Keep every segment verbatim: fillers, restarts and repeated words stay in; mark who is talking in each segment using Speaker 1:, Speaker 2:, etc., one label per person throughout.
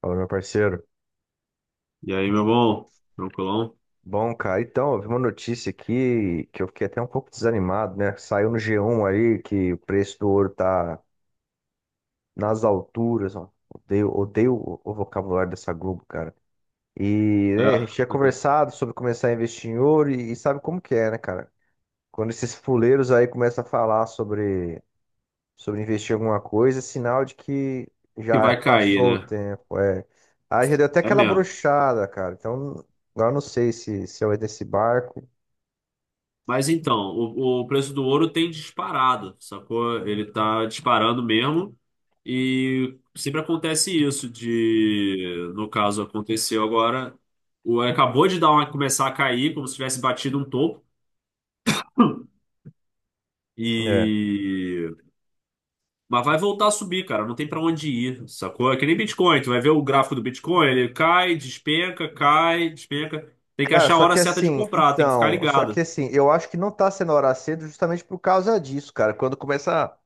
Speaker 1: Fala, meu parceiro.
Speaker 2: E aí, meu bom? Tranquilão?
Speaker 1: Bom, cara, então, eu vi uma notícia aqui que eu fiquei até um pouco desanimado, né? Saiu no G um aí que o preço do ouro tá nas alturas, ó. Odeio, odeio o o vocabulário dessa Globo, cara. E,
Speaker 2: É.
Speaker 1: né, a gente tinha conversado sobre começar a investir em ouro e, e sabe como que é, né, cara? Quando esses fuleiros aí começam a falar sobre, sobre investir em alguma coisa, é sinal de que
Speaker 2: Que
Speaker 1: já
Speaker 2: vai cair,
Speaker 1: passou o
Speaker 2: né?
Speaker 1: tempo, é. Aí já deu até
Speaker 2: É
Speaker 1: aquela
Speaker 2: mesmo.
Speaker 1: brochada, cara. Então, agora eu não sei se, se eu entro nesse barco.
Speaker 2: Mas então, o, o preço do ouro tem disparado, sacou? Ele tá disparando mesmo. E sempre acontece isso de, no caso, aconteceu agora, o acabou de dar uma, começar a cair, como se tivesse batido um topo.
Speaker 1: É.
Speaker 2: E Mas vai voltar a subir, cara. Não tem pra onde ir, sacou? É que nem Bitcoin. Tu vai ver o gráfico do Bitcoin, ele cai, despenca, cai, despenca. Tem que
Speaker 1: Cara,
Speaker 2: achar a
Speaker 1: só
Speaker 2: hora
Speaker 1: que
Speaker 2: certa de
Speaker 1: assim,
Speaker 2: comprar, tem que ficar
Speaker 1: então, só que
Speaker 2: ligado.
Speaker 1: assim, eu acho que não tá sendo hora cedo justamente por causa disso, cara. Quando começa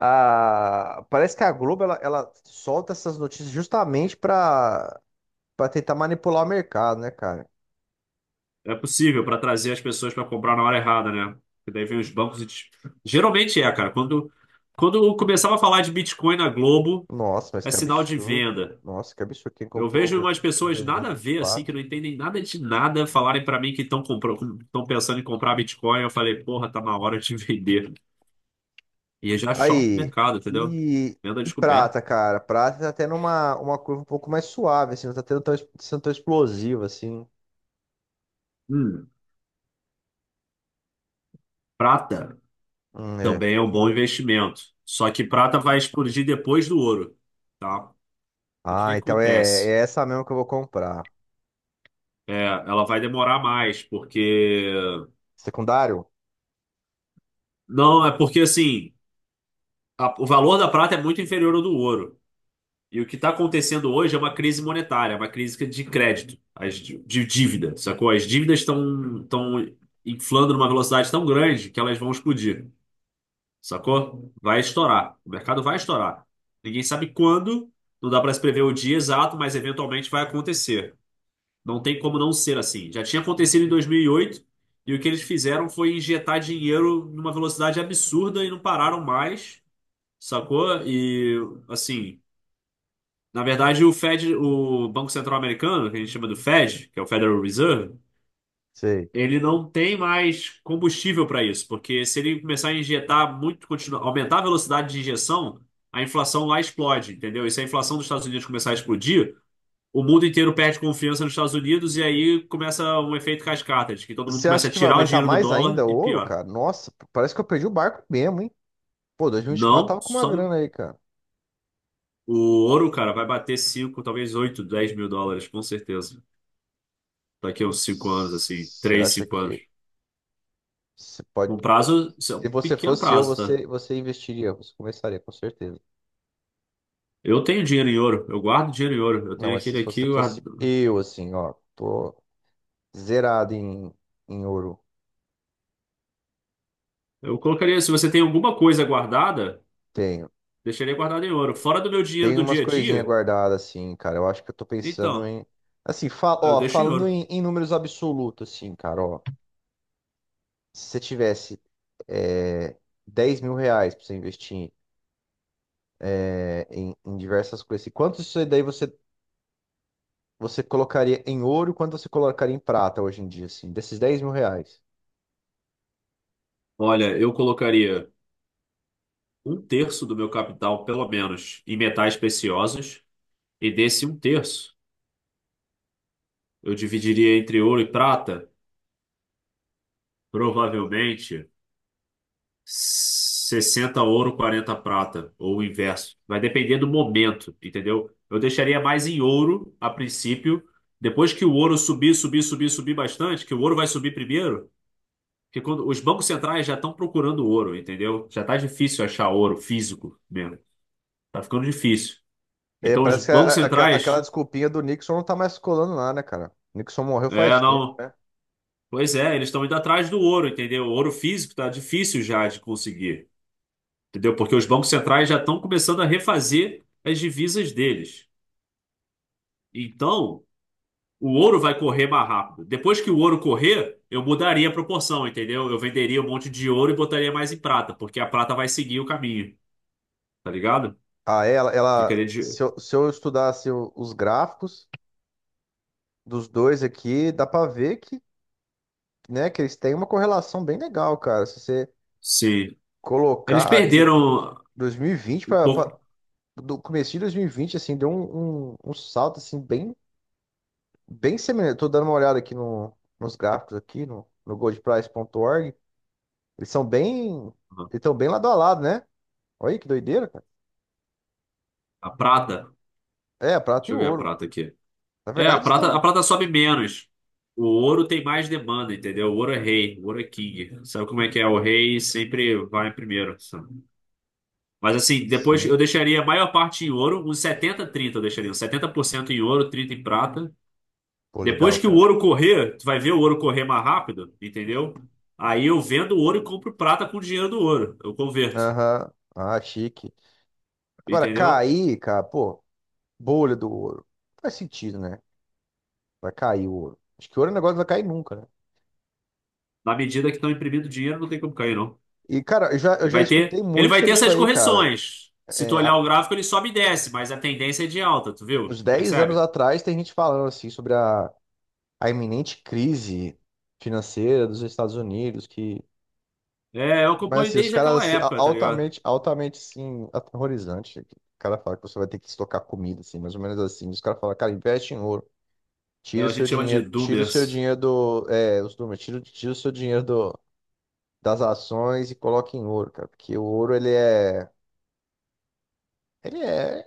Speaker 1: a. Parece que a Globo ela, ela solta essas notícias justamente pra, pra tentar manipular o mercado, né, cara?
Speaker 2: É possível pra trazer as pessoas pra comprar na hora errada, né? Porque daí vem os bancos e... te- Geralmente é, cara. Quando, quando eu começava a falar de Bitcoin na Globo,
Speaker 1: Nossa, mas
Speaker 2: é
Speaker 1: que
Speaker 2: sinal de
Speaker 1: absurdo.
Speaker 2: venda.
Speaker 1: Nossa, que absurdo. Quem
Speaker 2: Eu vejo
Speaker 1: comprou em
Speaker 2: umas pessoas nada a ver, assim, que
Speaker 1: dois mil e vinte e quatro?
Speaker 2: não entendem nada de nada, falarem pra mim que estão comprando, estão pensando em comprar Bitcoin. Eu falei, porra, tá na hora de vender. E é já short
Speaker 1: Aí,
Speaker 2: mercado, entendeu?
Speaker 1: e,
Speaker 2: Venda
Speaker 1: e
Speaker 2: descoberta.
Speaker 1: prata, cara? Prata tá tendo uma, uma curva um pouco mais suave, assim, não tá tendo tão, sendo tão explosiva, assim.
Speaker 2: Hum, prata
Speaker 1: Hum. É.
Speaker 2: também é um bom investimento. Só que prata vai explodir depois do ouro, tá? O que que
Speaker 1: Ah, então é,
Speaker 2: acontece?
Speaker 1: é essa mesmo que eu vou comprar.
Speaker 2: É, ela vai demorar mais, porque...
Speaker 1: Secundário?
Speaker 2: Não, é porque, assim, a- o valor da prata é muito inferior ao do ouro. E o que está acontecendo hoje é uma crise monetária, uma crise de crédito, as, de de dívida, sacou? As dívidas estão estão inflando numa velocidade tão grande que elas vão explodir. Sacou? Vai estourar. O mercado vai estourar. Ninguém sabe quando, não dá para se prever o dia exato, mas eventualmente vai acontecer. Não tem como não ser assim. Já tinha acontecido em dois mil e oito e o que eles fizeram foi injetar dinheiro numa velocidade absurda e não pararam mais, sacou? E assim, na verdade, o Fed, o Banco Central Americano, que a gente chama do Fed, que é o Federal Reserve,
Speaker 1: Sei.
Speaker 2: ele não tem mais combustível para isso, porque se ele começar a injetar muito, continuar, aumentar a velocidade de injeção, a inflação lá explode, entendeu? E se a inflação dos Estados Unidos começar a explodir, o mundo inteiro perde confiança nos Estados Unidos e aí começa um efeito cascata, de que todo mundo
Speaker 1: Você
Speaker 2: começa
Speaker 1: acha
Speaker 2: a
Speaker 1: que vai
Speaker 2: tirar o
Speaker 1: aumentar
Speaker 2: dinheiro do
Speaker 1: mais
Speaker 2: dólar
Speaker 1: ainda o
Speaker 2: e
Speaker 1: ouro,
Speaker 2: piora.
Speaker 1: cara? Nossa, parece que eu perdi o barco mesmo, hein? Pô, dois mil e vinte e quatro
Speaker 2: Não,
Speaker 1: tava com uma
Speaker 2: só
Speaker 1: grana aí, cara.
Speaker 2: o ouro, cara, vai bater cinco, talvez oito, dez mil dólares, com certeza. Daqui a uns cinco anos, assim,
Speaker 1: Você
Speaker 2: três,
Speaker 1: acha
Speaker 2: cinco anos.
Speaker 1: que você pode.
Speaker 2: Um prazo, isso é
Speaker 1: Se
Speaker 2: um
Speaker 1: você
Speaker 2: pequeno
Speaker 1: fosse eu,
Speaker 2: prazo, tá?
Speaker 1: você, você investiria, você começaria, com certeza.
Speaker 2: Eu tenho dinheiro em ouro, eu guardo dinheiro em ouro. Eu
Speaker 1: Não,
Speaker 2: tenho
Speaker 1: mas se
Speaker 2: aquele aqui,
Speaker 1: você
Speaker 2: eu
Speaker 1: fosse
Speaker 2: guardo-
Speaker 1: eu, assim, ó, tô zerado em, em ouro.
Speaker 2: eu colocaria, se você tem alguma coisa guardada,
Speaker 1: Tenho.
Speaker 2: deixaria guardado em ouro. Fora do meu dinheiro
Speaker 1: Tem
Speaker 2: do
Speaker 1: umas
Speaker 2: dia a
Speaker 1: coisinhas
Speaker 2: dia,
Speaker 1: guardadas, assim, cara. Eu acho que eu tô pensando
Speaker 2: então,
Speaker 1: em. Assim, fa-
Speaker 2: eu
Speaker 1: ó,
Speaker 2: deixo em
Speaker 1: falando
Speaker 2: ouro.
Speaker 1: em, em números absolutos, assim, cara, ó. Se você tivesse é, dez mil reais pra você investir é, em, em diversas coisas, assim, quanto isso daí você, você colocaria em ouro, quanto você colocaria em prata hoje em dia, assim, desses dez mil reais?
Speaker 2: Olha, eu colocaria um terço do meu capital, pelo menos, em metais preciosos, e desse um terço eu dividiria entre ouro e prata, provavelmente. Sessenta ouro, quarenta prata, ou o inverso. Vai depender do momento, entendeu? Eu deixaria mais em ouro a princípio. Depois que o ouro subir, subir, subir, subir bastante, que o ouro vai subir primeiro, porque quando os bancos centrais já estão procurando ouro, entendeu? Já tá difícil achar ouro físico mesmo. Tá ficando difícil.
Speaker 1: É,
Speaker 2: Então os
Speaker 1: parece que a-
Speaker 2: bancos
Speaker 1: a- aquela, aquela
Speaker 2: centrais,
Speaker 1: desculpinha do Nixon não tá mais colando lá, né, cara? Nixon morreu
Speaker 2: é,
Speaker 1: faz tempo,
Speaker 2: não,
Speaker 1: né?
Speaker 2: pois é, eles estão indo atrás do ouro, entendeu? O ouro físico tá difícil já de conseguir. Entendeu? Porque os bancos centrais já estão começando a refazer as divisas deles. Então, o ouro vai correr mais rápido. Depois que o ouro correr, eu mudaria a proporção, entendeu? Eu venderia um monte de ouro e botaria mais em prata, porque a prata vai seguir o caminho, tá ligado?
Speaker 1: Ah, ela,
Speaker 2: Ficaria
Speaker 1: ela,
Speaker 2: de.
Speaker 1: se eu, se eu estudasse o- os gráficos dos dois aqui, dá pra ver que, né, que eles têm uma correlação bem legal, cara. Se você
Speaker 2: Sim. Eles
Speaker 1: colocar aqui
Speaker 2: perderam
Speaker 1: dois mil e vinte
Speaker 2: um
Speaker 1: para
Speaker 2: pouco
Speaker 1: do começo de dois mil e vinte, assim, deu um, um, um salto assim bem bem semelhante. Tô dando uma olhada aqui no, nos gráficos aqui no, no goldprice ponto org. Eles são bem Eles estão bem lado a lado, né? Olha aí que doideira, cara.
Speaker 2: a prata.
Speaker 1: É, a prata e
Speaker 2: Deixa
Speaker 1: o
Speaker 2: eu ver a
Speaker 1: ouro.
Speaker 2: prata aqui.
Speaker 1: Na
Speaker 2: É, a
Speaker 1: verdade
Speaker 2: prata, a
Speaker 1: estão.
Speaker 2: prata sobe menos. O ouro tem mais demanda, entendeu? O ouro é rei, o ouro é king. Sabe como é que é? O rei sempre vai primeiro. Mas assim, depois eu
Speaker 1: Sim,
Speaker 2: deixaria a maior parte em ouro, uns setenta trinta eu deixaria, uns setenta por cento em ouro, trinta em prata.
Speaker 1: pô,
Speaker 2: Depois
Speaker 1: legal,
Speaker 2: que o
Speaker 1: cara.
Speaker 2: ouro correr, tu vai ver o ouro correr mais rápido, entendeu? Aí eu vendo o ouro e compro prata com o dinheiro do ouro, eu converto,
Speaker 1: Aham. Ah, chique. Agora
Speaker 2: entendeu?
Speaker 1: cair, cara, pô, bolha do ouro. Faz sentido, né? Vai cair o ouro. Acho que ouro é um negócio que vai cair nunca, né?
Speaker 2: Na medida que estão imprimindo dinheiro, não tem como cair, não.
Speaker 1: E, cara, eu já, eu
Speaker 2: Ele
Speaker 1: já
Speaker 2: vai
Speaker 1: escutei
Speaker 2: ter, ele
Speaker 1: muito
Speaker 2: vai ter
Speaker 1: sobre isso
Speaker 2: essas
Speaker 1: aí, cara.
Speaker 2: correções. Se tu
Speaker 1: É,
Speaker 2: olhar
Speaker 1: há
Speaker 2: o gráfico, ele sobe e desce, mas a tendência é de alta, tu viu?
Speaker 1: uns dez anos
Speaker 2: Percebe?
Speaker 1: atrás, tem gente falando, assim, sobre a, a iminente crise financeira dos Estados Unidos, que.
Speaker 2: É, eu
Speaker 1: Mas,
Speaker 2: acompanho
Speaker 1: assim, os
Speaker 2: desde
Speaker 1: caras,
Speaker 2: aquela
Speaker 1: assim, a-
Speaker 2: época, tá ligado?
Speaker 1: altamente, altamente, sim, aterrorizante. O cara fala que você vai ter que estocar comida, assim, mais ou menos assim. Os caras falam, cara, investe em ouro.
Speaker 2: É,
Speaker 1: Tira o
Speaker 2: a gente
Speaker 1: seu
Speaker 2: chama de
Speaker 1: dinheiro, tira o seu
Speaker 2: doomers.
Speaker 1: dinheiro do. É, os números, tira, o- tira o seu dinheiro do, das ações, e coloque em ouro, cara. Porque o ouro, ele é. Ele é,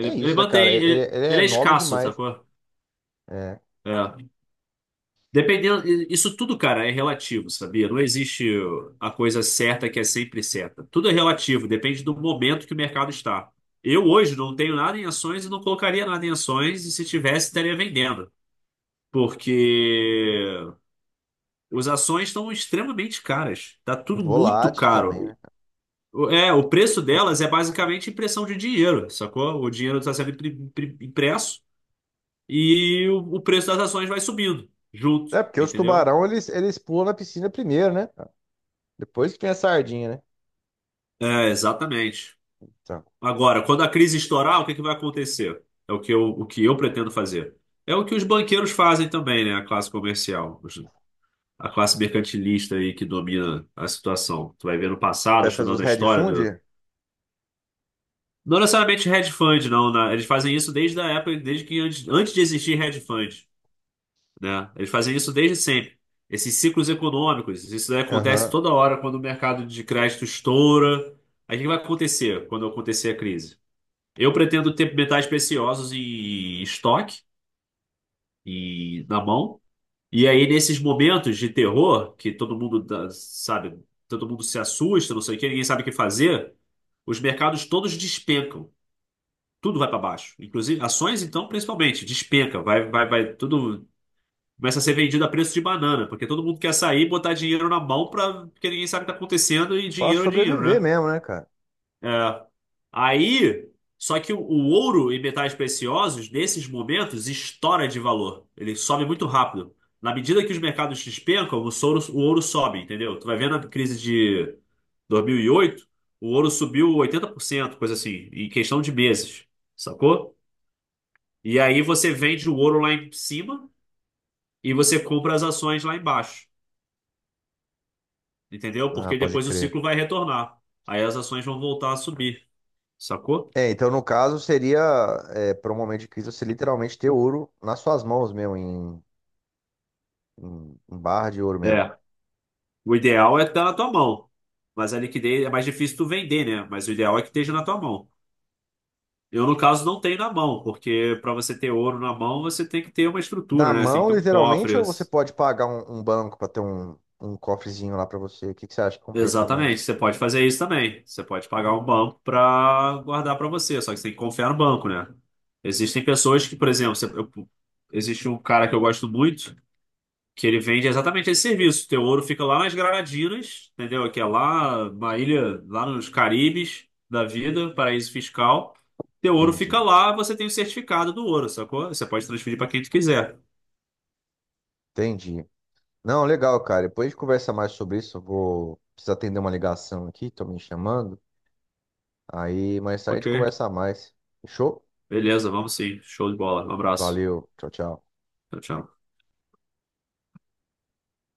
Speaker 1: é
Speaker 2: ele
Speaker 1: isso, né, cara?
Speaker 2: mantém.
Speaker 1: Ele,
Speaker 2: Ele,
Speaker 1: ele
Speaker 2: ele
Speaker 1: é
Speaker 2: é
Speaker 1: nobre
Speaker 2: escasso,
Speaker 1: demais.
Speaker 2: sacou?
Speaker 1: É.
Speaker 2: É. Dependendo. Isso tudo, cara, é relativo, sabia? Não existe a coisa certa que é sempre certa. Tudo é relativo, depende do momento que o mercado está. Eu hoje não tenho nada em ações e não colocaria nada em ações, e se tivesse, estaria vendendo. Porque as ações estão extremamente caras. Tá tudo muito
Speaker 1: Volátil também,
Speaker 2: caro.
Speaker 1: né?
Speaker 2: O- É, o preço delas é basicamente impressão de dinheiro, sacou? O dinheiro está sendo impri- impri- impresso. E o, o preço das ações vai subindo junto,
Speaker 1: É, porque os
Speaker 2: entendeu?
Speaker 1: tubarão, eles, eles pulam na piscina primeiro, né? Depois que vem a sardinha, né?
Speaker 2: É, exatamente.
Speaker 1: Então,
Speaker 2: Agora, quando a crise estourar, o que que vai acontecer? É o que eu, o que eu pretendo fazer. É o que os banqueiros fazem também, né? A classe comercial, os- a classe mercantilista aí que domina a situação. Tu vai ver no passado,
Speaker 1: vai fazer
Speaker 2: estudando
Speaker 1: os
Speaker 2: a história do.
Speaker 1: headfund?
Speaker 2: Não necessariamente hedge fund, não, né? Eles fazem isso desde a época, desde que antes, antes, de existir hedge fund. Né? Eles fazem isso desde sempre. Esses ciclos econômicos, isso daí acontece
Speaker 1: Aham.
Speaker 2: toda hora quando o mercado de crédito estoura. Aí o que vai acontecer quando acontecer a crise? Eu pretendo ter metais preciosos em estoque, e na mão. E aí, nesses momentos de terror, que todo mundo, dá- sabe, todo mundo se assusta, não sei o quê, ninguém sabe o que fazer, os mercados todos despencam. Tudo vai para baixo. Inclusive, ações, então, principalmente, despenca. Vai, vai, vai, tudo. Começa a ser vendido a preço de banana, porque todo mundo quer sair e botar dinheiro na mão pra, porque ninguém sabe o que tá acontecendo e
Speaker 1: Pra
Speaker 2: dinheiro é dinheiro,
Speaker 1: sobreviver
Speaker 2: né?
Speaker 1: mesmo, né, cara?
Speaker 2: É. Aí, só que o, o ouro e metais preciosos, nesses momentos, estoura de valor. Ele sobe muito rápido. Na medida que os mercados despencam, o ouro, o ouro sobe, entendeu? Tu vai vendo a crise de dois mil e oito o ouro subiu oitenta por cento coisa assim, em questão de meses, sacou? E aí você vende o ouro lá em cima e você compra as ações lá embaixo. Entendeu?
Speaker 1: Ah,
Speaker 2: Porque
Speaker 1: pode
Speaker 2: depois o
Speaker 1: crer.
Speaker 2: ciclo vai retornar. Aí as ações vão voltar a subir, sacou?
Speaker 1: É, então, no caso seria, é, para um momento de crise, você literalmente ter ouro nas suas mãos mesmo, em, em, em barra de ouro mesmo.
Speaker 2: É. O ideal é estar na tua mão. Mas a liquidez é mais difícil tu vender, né? Mas o ideal é que esteja na tua mão. Eu, no caso, não tenho na mão, porque para você ter ouro na mão, você tem que ter uma
Speaker 1: Na
Speaker 2: estrutura, né? Você tem que
Speaker 1: mão,
Speaker 2: ter um cofre.
Speaker 1: literalmente, ou você pode pagar um, um banco pra ter um, um cofrezinho lá pra você? O que, que você acha que compensa
Speaker 2: Exatamente.
Speaker 1: mais?
Speaker 2: Você pode fazer isso também. Você pode pagar um banco para guardar para você, só que você tem que confiar no banco, né? Existem pessoas que, por exemplo, você- eu- existe um cara que eu gosto muito, que ele vende exatamente esse serviço. Teu ouro fica lá nas Granadinas, entendeu? Que é lá, uma ilha, lá nos Caribes da vida, paraíso fiscal. Teu ouro
Speaker 1: Entendi.
Speaker 2: fica lá, você tem o certificado do ouro, sacou? Você pode transferir para quem tu quiser.
Speaker 1: Entendi. Não, legal, cara. Depois a gente conversa mais sobre isso. Eu vou precisar atender uma ligação aqui, tô me chamando. Aí mais tarde a
Speaker 2: Ok.
Speaker 1: gente conversa mais. Fechou?
Speaker 2: Beleza, vamos sim. Show de bola. Um abraço.
Speaker 1: Valeu. Tchau, tchau.
Speaker 2: Tchau, tchau.